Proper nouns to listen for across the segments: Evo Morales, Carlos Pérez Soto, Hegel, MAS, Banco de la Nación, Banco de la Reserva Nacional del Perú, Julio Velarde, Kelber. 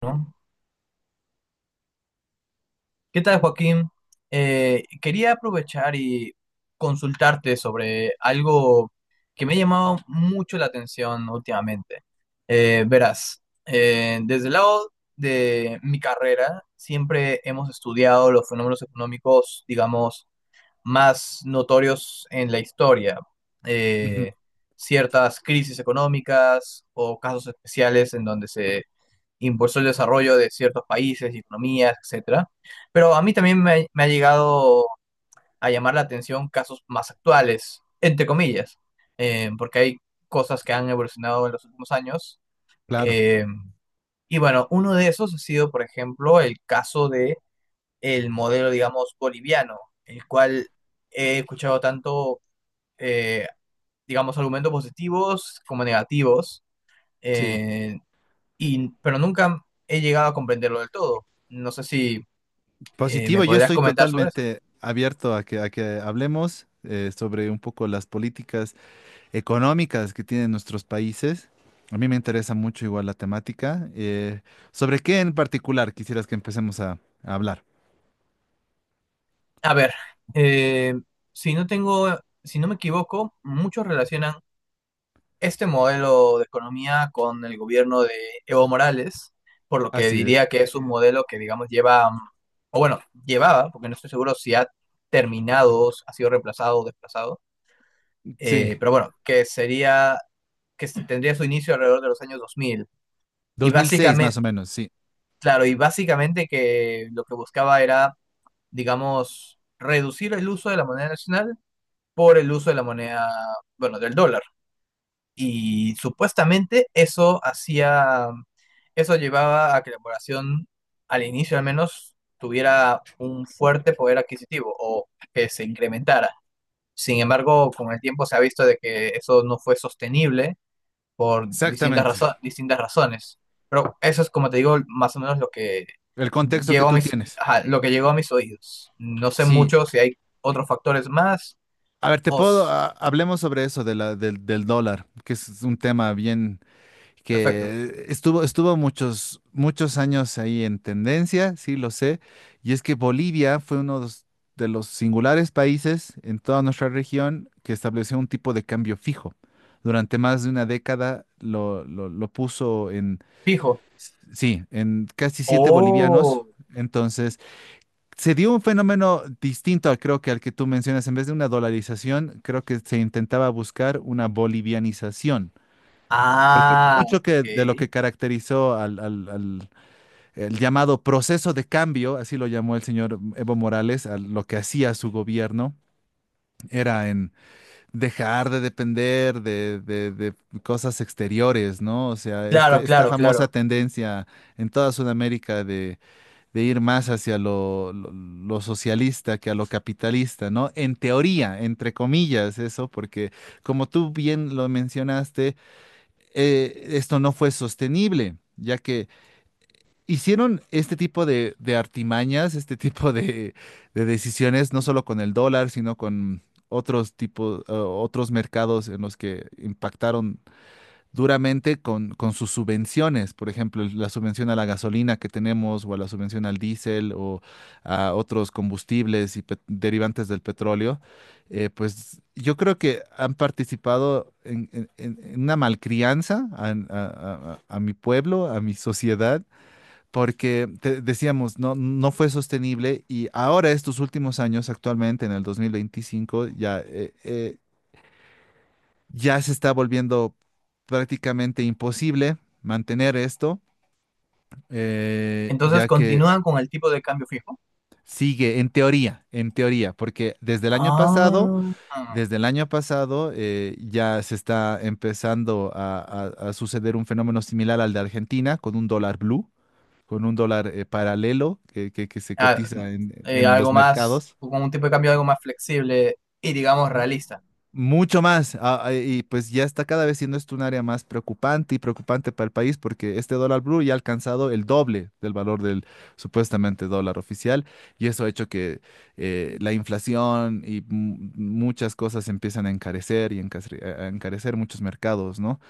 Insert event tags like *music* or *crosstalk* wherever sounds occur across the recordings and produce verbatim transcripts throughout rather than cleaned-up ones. ¿No? ¿Qué tal, Joaquín? Eh, quería aprovechar y consultarte sobre algo que me ha llamado mucho la atención últimamente. Eh, verás, eh, desde el lado de mi carrera, siempre hemos estudiado los fenómenos económicos, digamos, más notorios en la historia. Ujú, Eh, Ciertas crisis económicas o casos especiales en donde se impulsó el desarrollo de ciertos países, economías, etcétera. Pero a mí también me, ha me ha llegado a llamar la atención casos más actuales, entre comillas, eh, porque hay cosas que han evolucionado en los últimos años. Claro, eh, y bueno, uno de esos ha sido, por ejemplo, el caso de el modelo, digamos, boliviano, el cual he escuchado tanto, eh, digamos, argumentos positivos como negativos. sí. eh, y, pero nunca he llegado a comprenderlo del todo. No sé si eh, me Positivo, yo podrías estoy comentar sobre eso. totalmente abierto a que, a que hablemos, eh, sobre un poco las políticas económicas que tienen nuestros países. A mí me interesa mucho igual la temática. Eh, ¿sobre qué en particular quisieras que empecemos a, a hablar? A ver, eh, si no tengo, si no me equivoco, muchos relacionan este modelo de economía con el gobierno de Evo Morales, por lo que Así es. diría que es un modelo que, digamos, lleva, mm, o bueno, llevaba, porque no estoy seguro si ha terminado, si ha sido reemplazado o desplazado, Sí, eh, pero bueno, que sería, que se- tendría su inicio alrededor de los años dos mil. Y dos mil seis más básicamente, o menos, sí. Claro, y básicamente que lo que buscaba era, digamos, reducir el uso de la moneda nacional por el uso de la moneda, bueno, del dólar. Y supuestamente eso hacía, eso llevaba a que la población, al inicio al menos, tuviera un fuerte poder adquisitivo o que se incrementara. Sin embargo, con el tiempo se ha visto de que eso no fue sostenible por distintas, Exactamente. razo- distintas razones. Pero eso es, como te digo, más o menos lo que El contexto que llegó a tú mis, tienes. ajá, lo que llegó a mis oídos. No sé Sí. mucho si hay otros factores más. A ver, te puedo, Os, ah, hablemos sobre eso de la, del, del dólar, que es un tema bien perfecto. que estuvo, estuvo muchos, muchos años ahí en tendencia, sí lo sé, y es que Bolivia fue uno de los de los singulares países en toda nuestra región que estableció un tipo de cambio fijo. Durante más de una década lo, lo- lo puso en, Fijo. sí, en casi siete bolivianos. Oh, Entonces, se dio un fenómeno distinto, al- creo que al que tú mencionas. En vez de una dolarización, creo que se intentaba buscar una bolivianización. ah, Mucho que de lo ok. que caracterizó al, al- al- el llamado proceso de cambio, así lo llamó el señor Evo Morales, a lo que hacía su gobierno, era en dejar de depender de, de- de cosas exteriores, ¿no? O sea, Claro, este- esta claro, famosa claro. tendencia en toda Sudamérica de, de ir más hacia lo, lo- lo socialista que a lo capitalista, ¿no? En teoría, entre comillas, eso, porque como tú bien lo mencionaste, eh, esto no fue sostenible, ya que hicieron este tipo de, de artimañas, este tipo de, de decisiones, no solo con el dólar, sino con otros tipos, eh, otros mercados en los que impactaron duramente con, con sus subvenciones, por ejemplo, el- la subvención a la gasolina que tenemos o a la subvención al diésel o a otros combustibles y pet- derivantes del petróleo, eh, pues yo creo que han participado en, en- en- en una malcrianza a, a- a- a mi pueblo, a mi sociedad, porque te- decíamos, no, no fue sostenible y ahora estos últimos años, actualmente en el dos mil veinticinco, ya... eh, eh, ya se está volviendo prácticamente imposible mantener esto, eh, Entonces ya que continúan con el tipo de cambio fijo. sigue en teoría, en teoría, porque desde el año pasado, Ah, ah, desde el año pasado eh, ya se está empezando a, a- a suceder un fenómeno similar al de Argentina con un dólar blue, con un dólar eh, paralelo que, que- que se cotiza en eh, en algo los más, mercados. con un tipo de cambio algo más flexible y digamos realista. Mucho más. ah, ah, y pues ya está cada vez siendo esto un área más preocupante y preocupante para el país porque este dólar blue ya ha alcanzado el doble del valor del supuestamente dólar oficial y eso ha hecho que eh, la inflación y mu- muchas cosas empiezan a encarecer y encasre- a a encarecer muchos mercados, ¿no?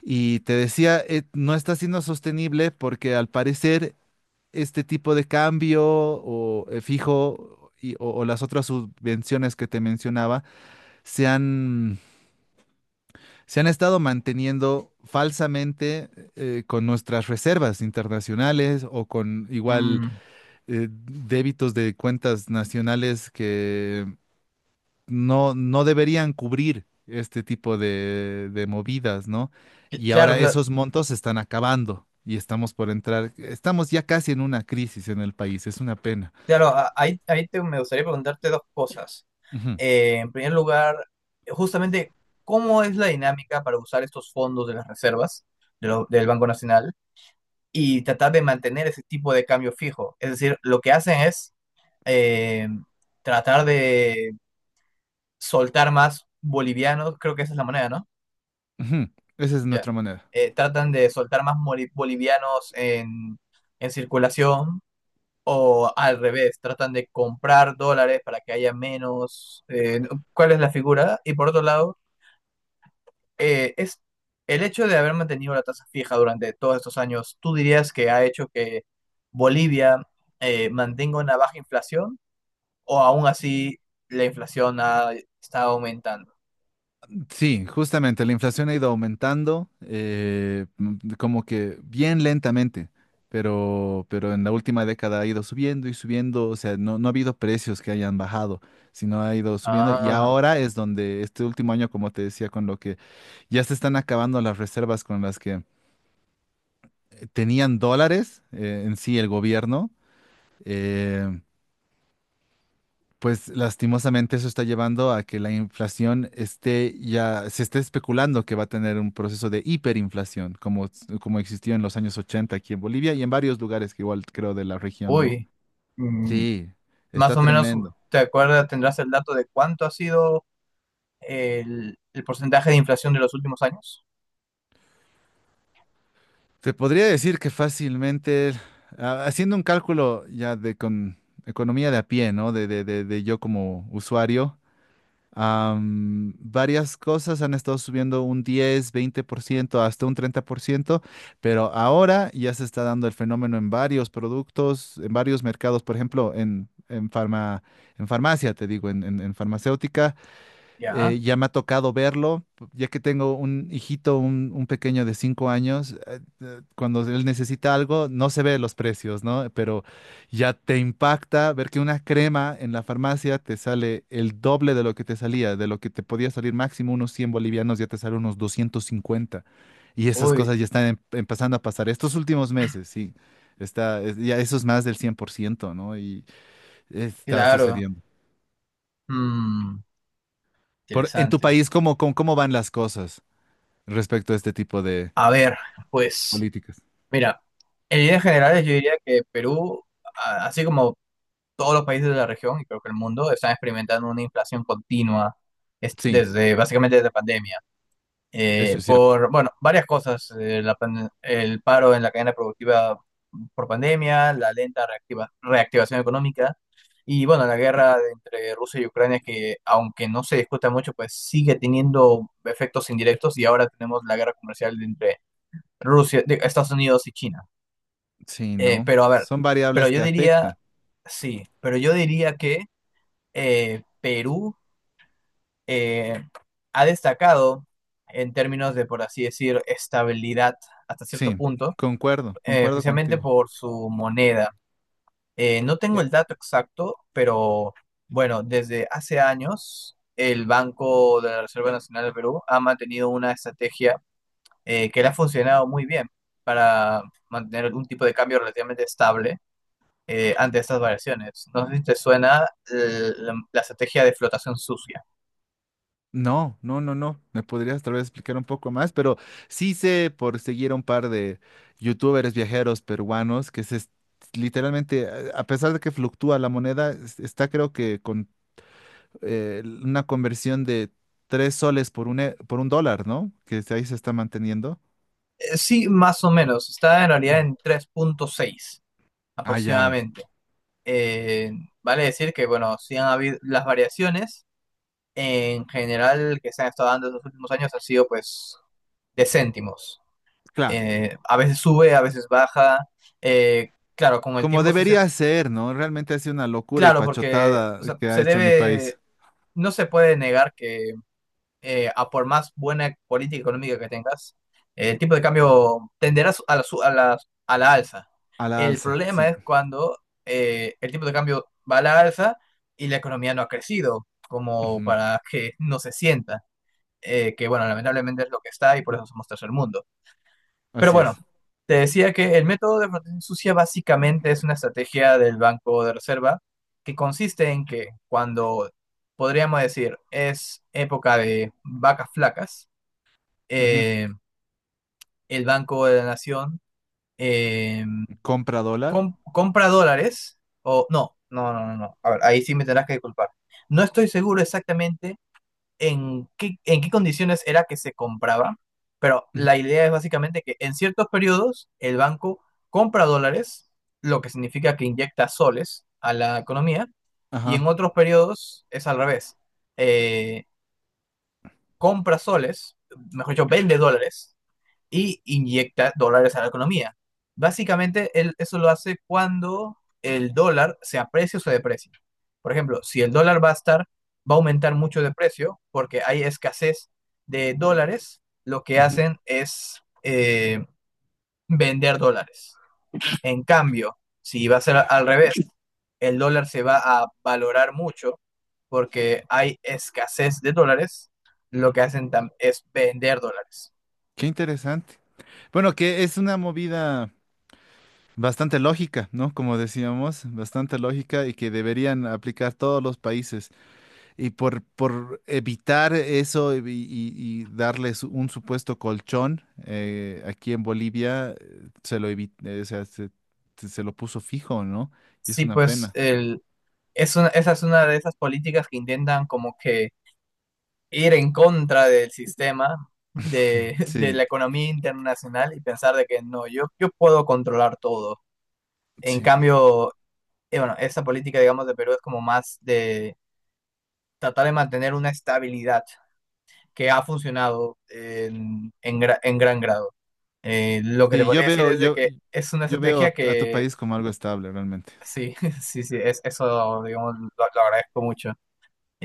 Y te decía, eh, no está siendo sostenible porque al parecer este tipo de cambio o eh, fijo y- o o las otras subvenciones que te mencionaba se han se han estado manteniendo falsamente eh, con nuestras reservas internacionales o con igual Mm, eh, débitos de cuentas nacionales que no, no deberían cubrir este tipo de, de movidas, ¿no? cl- Y claro, ahora claro. esos montos se están acabando y estamos por entrar, estamos ya casi en una crisis en el país, es una pena. Claro, a- ahí, ahí te- me gustaría preguntarte dos cosas. Ujú, Eh, en primer lugar, justamente, ¿cómo es la dinámica para usar estos fondos de las reservas de lo- del Banco Nacional y tratar de mantener ese tipo de cambio fijo? Es decir, lo que hacen es eh, tratar de soltar más bolivianos, creo que esa es la moneda, ¿no? ujú. Esa es Ya. nuestra manera. Eh, tratan de soltar más moli- bolivianos en, en, circulación. O al revés, tratan de comprar dólares para que haya menos. Eh, ¿cuál es la figura? Y por otro lado, eh, es el hecho de haber mantenido la tasa fija durante todos estos años. ¿Tú dirías que ha hecho que Bolivia eh, mantenga una baja inflación o aún así la inflación ha estado aumentando? Sí, justamente, la inflación ha ido aumentando, eh, m- como que bien lentamente, pero, pero en la última década ha ido subiendo y subiendo, o sea, no, no ha habido precios que hayan bajado, sino ha ido subiendo y Ah, ahora es donde este último año, como te decía, con lo que ya se están acabando las reservas con las que eh, tenían dólares eh, en sí el gobierno. eh, Pues lastimosamente eso está llevando a que la inflación esté ya, se esté especulando que va a tener un proceso de hiperinflación, como, como existió en los años ochenta aquí en Bolivia y en varios lugares que igual creo de la región, ¿no? uy. Mm, Sí, está Más o menos, tremendo. ¿te acuerdas? ¿Tendrás el dato de cuánto ha sido el, el porcentaje de inflación de los últimos años? Te podría decir que fácilmente, ah, haciendo un cálculo ya de con economía de a pie, ¿no? De, de, de, de yo como usuario, Am, varias cosas han estado subiendo un diez veinte por ciento hasta un treinta por ciento, pero ahora ya se está dando el fenómeno en varios productos, en varios mercados, por ejemplo, en, en, farma- en farmacia, te digo, en, en- en farmacéutica, Ya, eh, ya me ha tocado verlo, ya que tengo un hijito, un, un pequeño de cinco años, eh, eh, cuando él necesita algo, no se ve los precios, ¿no? Pero ya te impacta ver que una crema en la farmacia te sale el doble de lo que te salía, de lo que te podía salir máximo unos cien bolivianos, ya te sale unos doscientos cincuenta. Y esas uy. cosas ya están em- empezando a pasar estos últimos meses, sí. Está, es- ya eso es más del cien por ciento, ¿no? Y está Claro. sucediendo. Mm, Por, en tu Interesante. país, ¿cómo, cómo, cómo van las cosas respecto a este tipo de A ver, pues, políticas? mira, en líneas generales yo diría que Perú, a- así como todos los países de la región y creo que el mundo, están experimentando una inflación continua es- Sí, desde básicamente desde pandemia. eso eh, es cierto. Por, bueno, varias cosas, eh, la pan- el paro en la cadena productiva por pandemia, la lenta reactiva- reactivación económica y, bueno, la guerra de- entre Rusia y Ucrania que, aunque no se discuta mucho, pues sigue teniendo efectos indirectos y ahora tenemos la guerra comercial de entre Rusia, de Estados Unidos y China. Sí, Eh, ¿no? Pero a ver, Son pero variables yo que diría, afectan. sí, pero yo diría que eh, Perú eh, ha destacado en términos de, por así decir, estabilidad hasta cierto Sí, punto, concuerdo, eh, concuerdo especialmente contigo. por su moneda. Eh, no tengo Eh, el dato exacto, pero bueno, desde hace años el Banco de la Reserva Nacional del Perú ha mantenido una estrategia eh, que le ha funcionado muy bien para mantener algún tipo de cambio relativamente estable eh, ante estas variaciones. No sé si te suena eh, la la estrategia de flotación sucia. no, no, no, no. Me podrías tal vez explicar un poco más, pero sí sé por seguir a un par de youtubers viajeros peruanos que se es- literalmente, a a pesar de que fluctúa la moneda, es- está creo que con eh, una conversión de tres soles por un, e- por un dólar, ¿no? Que ahí se está manteniendo. Sí, más o menos. Está en realidad Mm. en tres punto seis, Ah, ya, aproximadamente. Eh, vale decir que, bueno, sí han habido las variaciones en general que se han estado dando en los últimos años han sido pues de céntimos. claro. Eh, a veces sube, a veces baja. Eh, claro, con el Como tiempo sí se. debería ser, ¿no? Realmente ha sido una locura y Claro, porque pachotada o sea, que ha se hecho mi debe. país. No se puede negar que eh, a por más buena política económica que tengas, el tipo de cambio tenderá a la, su- a la- a la alza. A la El alza, problema sí. es cuando eh, el tipo de cambio va a la alza y la economía no ha crecido, como Ujú, para que no se sienta, eh, que bueno, lamentablemente es lo que está y por eso somos tercer mundo. Pero así bueno, es. te decía que el método de protección sucia básicamente es una estrategia del Banco de Reserva que consiste en que cuando podríamos decir es época de vacas flacas, Ujú. eh, el Banco de la Nación eh, Compra dólar. com- compra dólares o no, no, no, no, no. A ver, ahí sí me tendrás que disculpar. No estoy seguro exactamente en qué, en qué condiciones era que se compraba, pero Ujú, la idea es básicamente que en ciertos periodos el banco compra dólares, lo que significa que inyecta soles a la economía, y ajá. en otros periodos es al revés. Eh, Compra soles, mejor dicho, vende dólares y inyecta dólares a la economía. Básicamente, él eso lo hace cuando el dólar se aprecia o se deprecia. Por ejemplo, si el dólar va a estar, va a aumentar mucho de precio porque hay escasez de dólares, lo que Ujú. hacen es eh, vender dólares. En cambio, si va a ser al revés, el dólar se va a valorar mucho porque hay escasez de dólares, lo que hacen tam- es vender dólares. Qué interesante. Bueno, que es una movida bastante lógica, ¿no? Como decíamos, bastante lógica y que deberían aplicar todos los países. Y por, por evitar eso y, y- y darles un supuesto colchón eh, aquí en Bolivia, eh, se lo evi- eh, o sea, se, se- se lo puso fijo, ¿no? Y es Sí. una pues pena. el, Es una, esa es una de esas políticas que intentan como que ir en contra del sistema de, *laughs* de Sí, la economía internacional y pensar de que no, yo, yo puedo controlar todo. En sí. cambio, eh, bueno, esa política, digamos, de Perú es como más de tratar de mantener una estabilidad que ha funcionado en, en, gra- en gran grado. Eh, lo que te Sí, yo podría decir veo, es de yo, que es una yo veo a, estrategia a tu que país como algo estable, realmente. sí, *laughs* sí, sí, es, eso, digamos, lo lo agradezco mucho.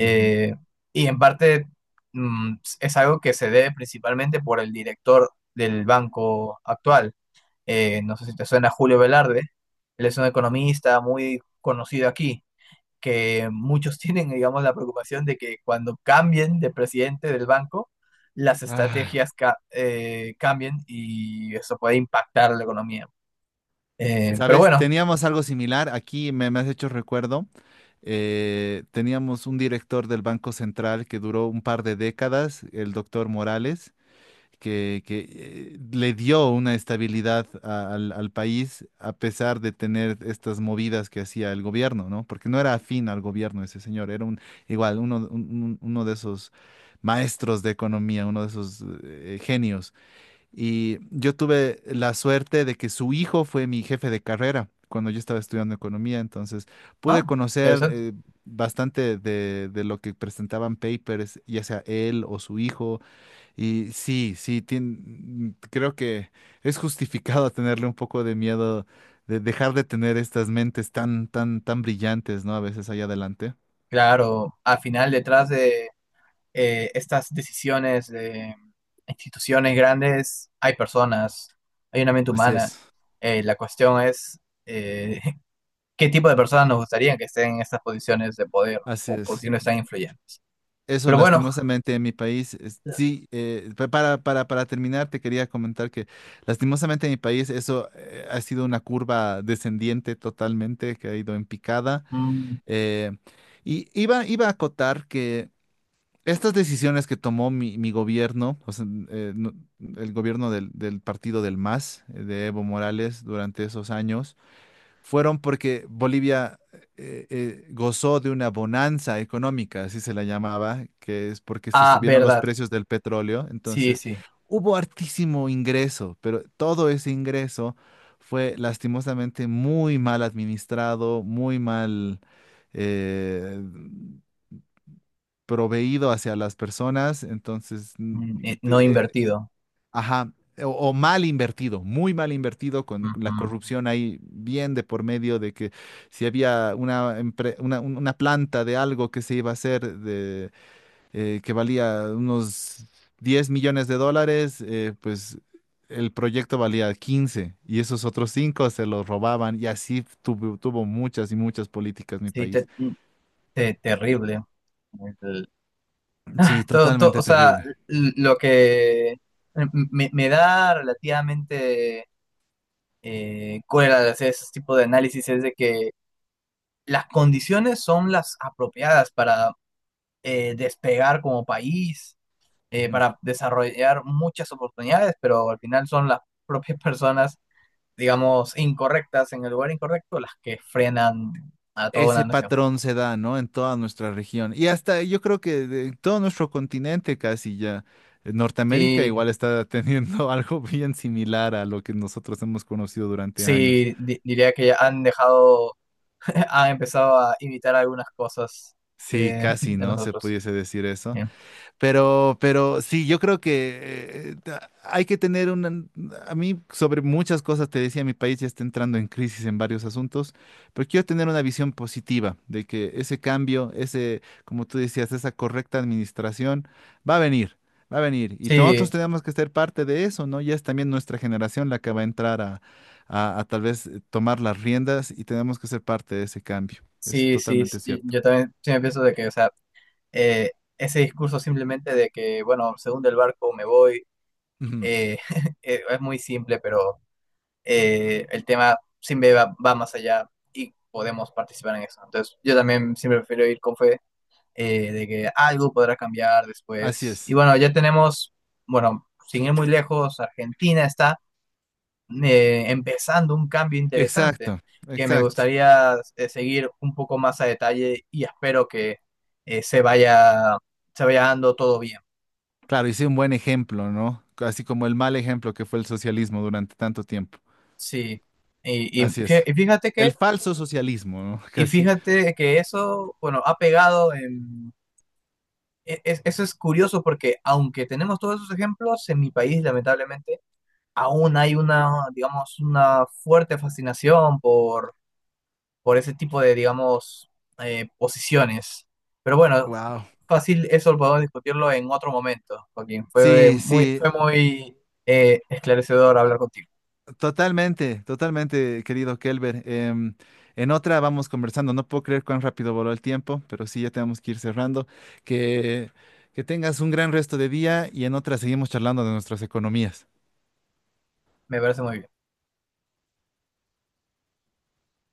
Ujú. y en parte mm, es algo que se debe principalmente por el director del banco actual. Eh, no sé si te suena Julio Velarde. Él es un economista muy conocido aquí, que muchos *laughs* tienen, digamos, la preocupación de que cuando cambien de presidente del banco, las Ah, estrategias ca- eh, cambien y eso puede impactar la economía. Eh, pero ¿sabes? bueno, Teníamos algo similar. Aquí me, me has hecho recuerdo. eh, teníamos un director del Banco Central que duró un par de décadas, el doctor Morales que, que, eh, le dio una estabilidad a- al, al país a pesar de tener estas movidas que hacía el gobierno, ¿no? Porque no era afín al gobierno ese señor, era un igual, uno, un- un- uno de esos maestros de economía, uno de esos eh, genios. Y yo tuve la suerte de que su hijo fue mi jefe de carrera cuando yo estaba estudiando economía, entonces ah, pude conocer. interesante. eh, Bastante de, de lo que presentaban papers, ya sea él o su hijo, y sí, sí, tien- creo que es justificado tenerle un poco de miedo de dejar de tener estas mentes tan, tan, tan brillantes, ¿no? A veces allá adelante. Claro, al final detrás de eh, estas decisiones de instituciones grandes, hay personas, hay una mente Así humana. es, Eh, la cuestión es eh, *laughs* qué tipo de personas nos gustaría que estén en estas posiciones de poder así o es. posiciones tan influyentes. Eso, Pero bueno, lastimosamente, en mi país, es- sí, eh, pa- para, para, para terminar, te quería comentar que lastimosamente en mi país eso eh, ha sido una curva descendiente totalmente, que ha ido en picada. mm, Eh, y iba, iba a acotar que estas decisiones que tomó mi, mi gobierno, o sea, eh, no- el gobierno del, del partido del MAS, eh, de Evo Morales, durante esos años, fueron porque Bolivia eh, eh, gozó de una bonanza económica, así se la llamaba, que es porque se ah, subieron los verdad, precios del petróleo. sí, Entonces, sí, hubo hartísimo ingreso, pero todo ese ingreso fue lastimosamente muy mal administrado, muy mal eh, proveído hacia las personas, entonces, mm, mm, eh, no de- eh, invertido. ajá, eh, o, o mal invertido, muy mal invertido, con la Ujú. corrupción ahí bien de por medio de que si había una, empre- una, un- una planta de algo que se iba a hacer de, eh, que valía unos diez millones de dólares, eh, pues. El proyecto valía quince y esos otros cinco se los robaban y así tuvo, tuvo muchas y muchas políticas mi Sí, país. te- mm, te- terrible. El- Sí, todo, todo- o totalmente sea, terrible. l- lo que mm, me, me da relativamente eh, con el hacer ese tipo de análisis es de que las condiciones son las apropiadas para eh, despegar como país, eh, Ujú. para desarrollar muchas oportunidades, pero al final son las propias *laughs* personas, digamos, incorrectas en el lugar incorrecto las que frenan a toda Ese una nación. patrón se da, ¿no? En toda nuestra región. Y hasta yo creo que de todo nuestro continente casi ya. Eh, Norteamérica Sí, igual está teniendo *laughs* algo bien similar a lo que nosotros hemos conocido durante años. sí, di- diría que han dejado, *laughs* han empezado a imitar algunas cosas Sí, eh, casi, de ¿no? Se nosotros. pudiese decir eso. Bien. Pero, pero sí, yo creo que eh, ta- hay que tener una. A mí sobre muchas cosas, te decía, mi país ya está entrando en crisis en varios asuntos, pero quiero tener una visión positiva de que ese cambio, ese, como tú decías, esa correcta administración va a venir, va a venir. Y nosotros Sí, tenemos que ser parte de eso, ¿no? Ya es también nuestra generación la que va a entrar a, a, a tal vez eh, tomar las riendas y tenemos que ser parte de ese cambio. Es sí, sí, totalmente sí, cierto. yo también sí me pienso de que, o sea, eh, ese discurso simplemente de que, bueno, se hunde el barco, me voy, Ujú, eh, *laughs* eh, es muy simple, pero eh, el tema siempre va, va más allá y podemos participar en eso. Entonces, yo también siempre prefiero ir con fe eh, de que algo podrá cambiar así después. Y es. bueno, ya tenemos, bueno, sin ir muy lejos, Argentina está eh, empezando un cambio interesante Exacto, que me exacto. gustaría eh, seguir un poco más a detalle y espero que eh, se vaya, se vaya dando todo bien. Claro, hice un buen ejemplo, ¿no? Así como el mal ejemplo que fue el socialismo durante tanto tiempo. Sí, y, y Así fí- es. y fíjate que, El falso socialismo, ¿no? *laughs* y Casi. fíjate que eso, bueno, ha pegado en. e- es- Eso es curioso porque aunque tenemos todos esos ejemplos, en mi país lamentablemente aún hay una, digamos, una fuerte fascinación por, por ese tipo de, digamos, eh, posiciones. Pero bueno, Wow. fácil, eso podemos discutirlo en otro momento, Joaquín. Fue Sí, muy, sí, fue muy eh, esclarecedor hablar contigo. totalmente, totalmente, querido Kelber. Em, en otra vamos conversando. No puedo creer cuán rápido voló el tiempo, pero sí, ya tenemos que ir cerrando. Que, que tengas un gran resto de día y en otra seguimos charlando de nuestras economías. Me parece muy bien.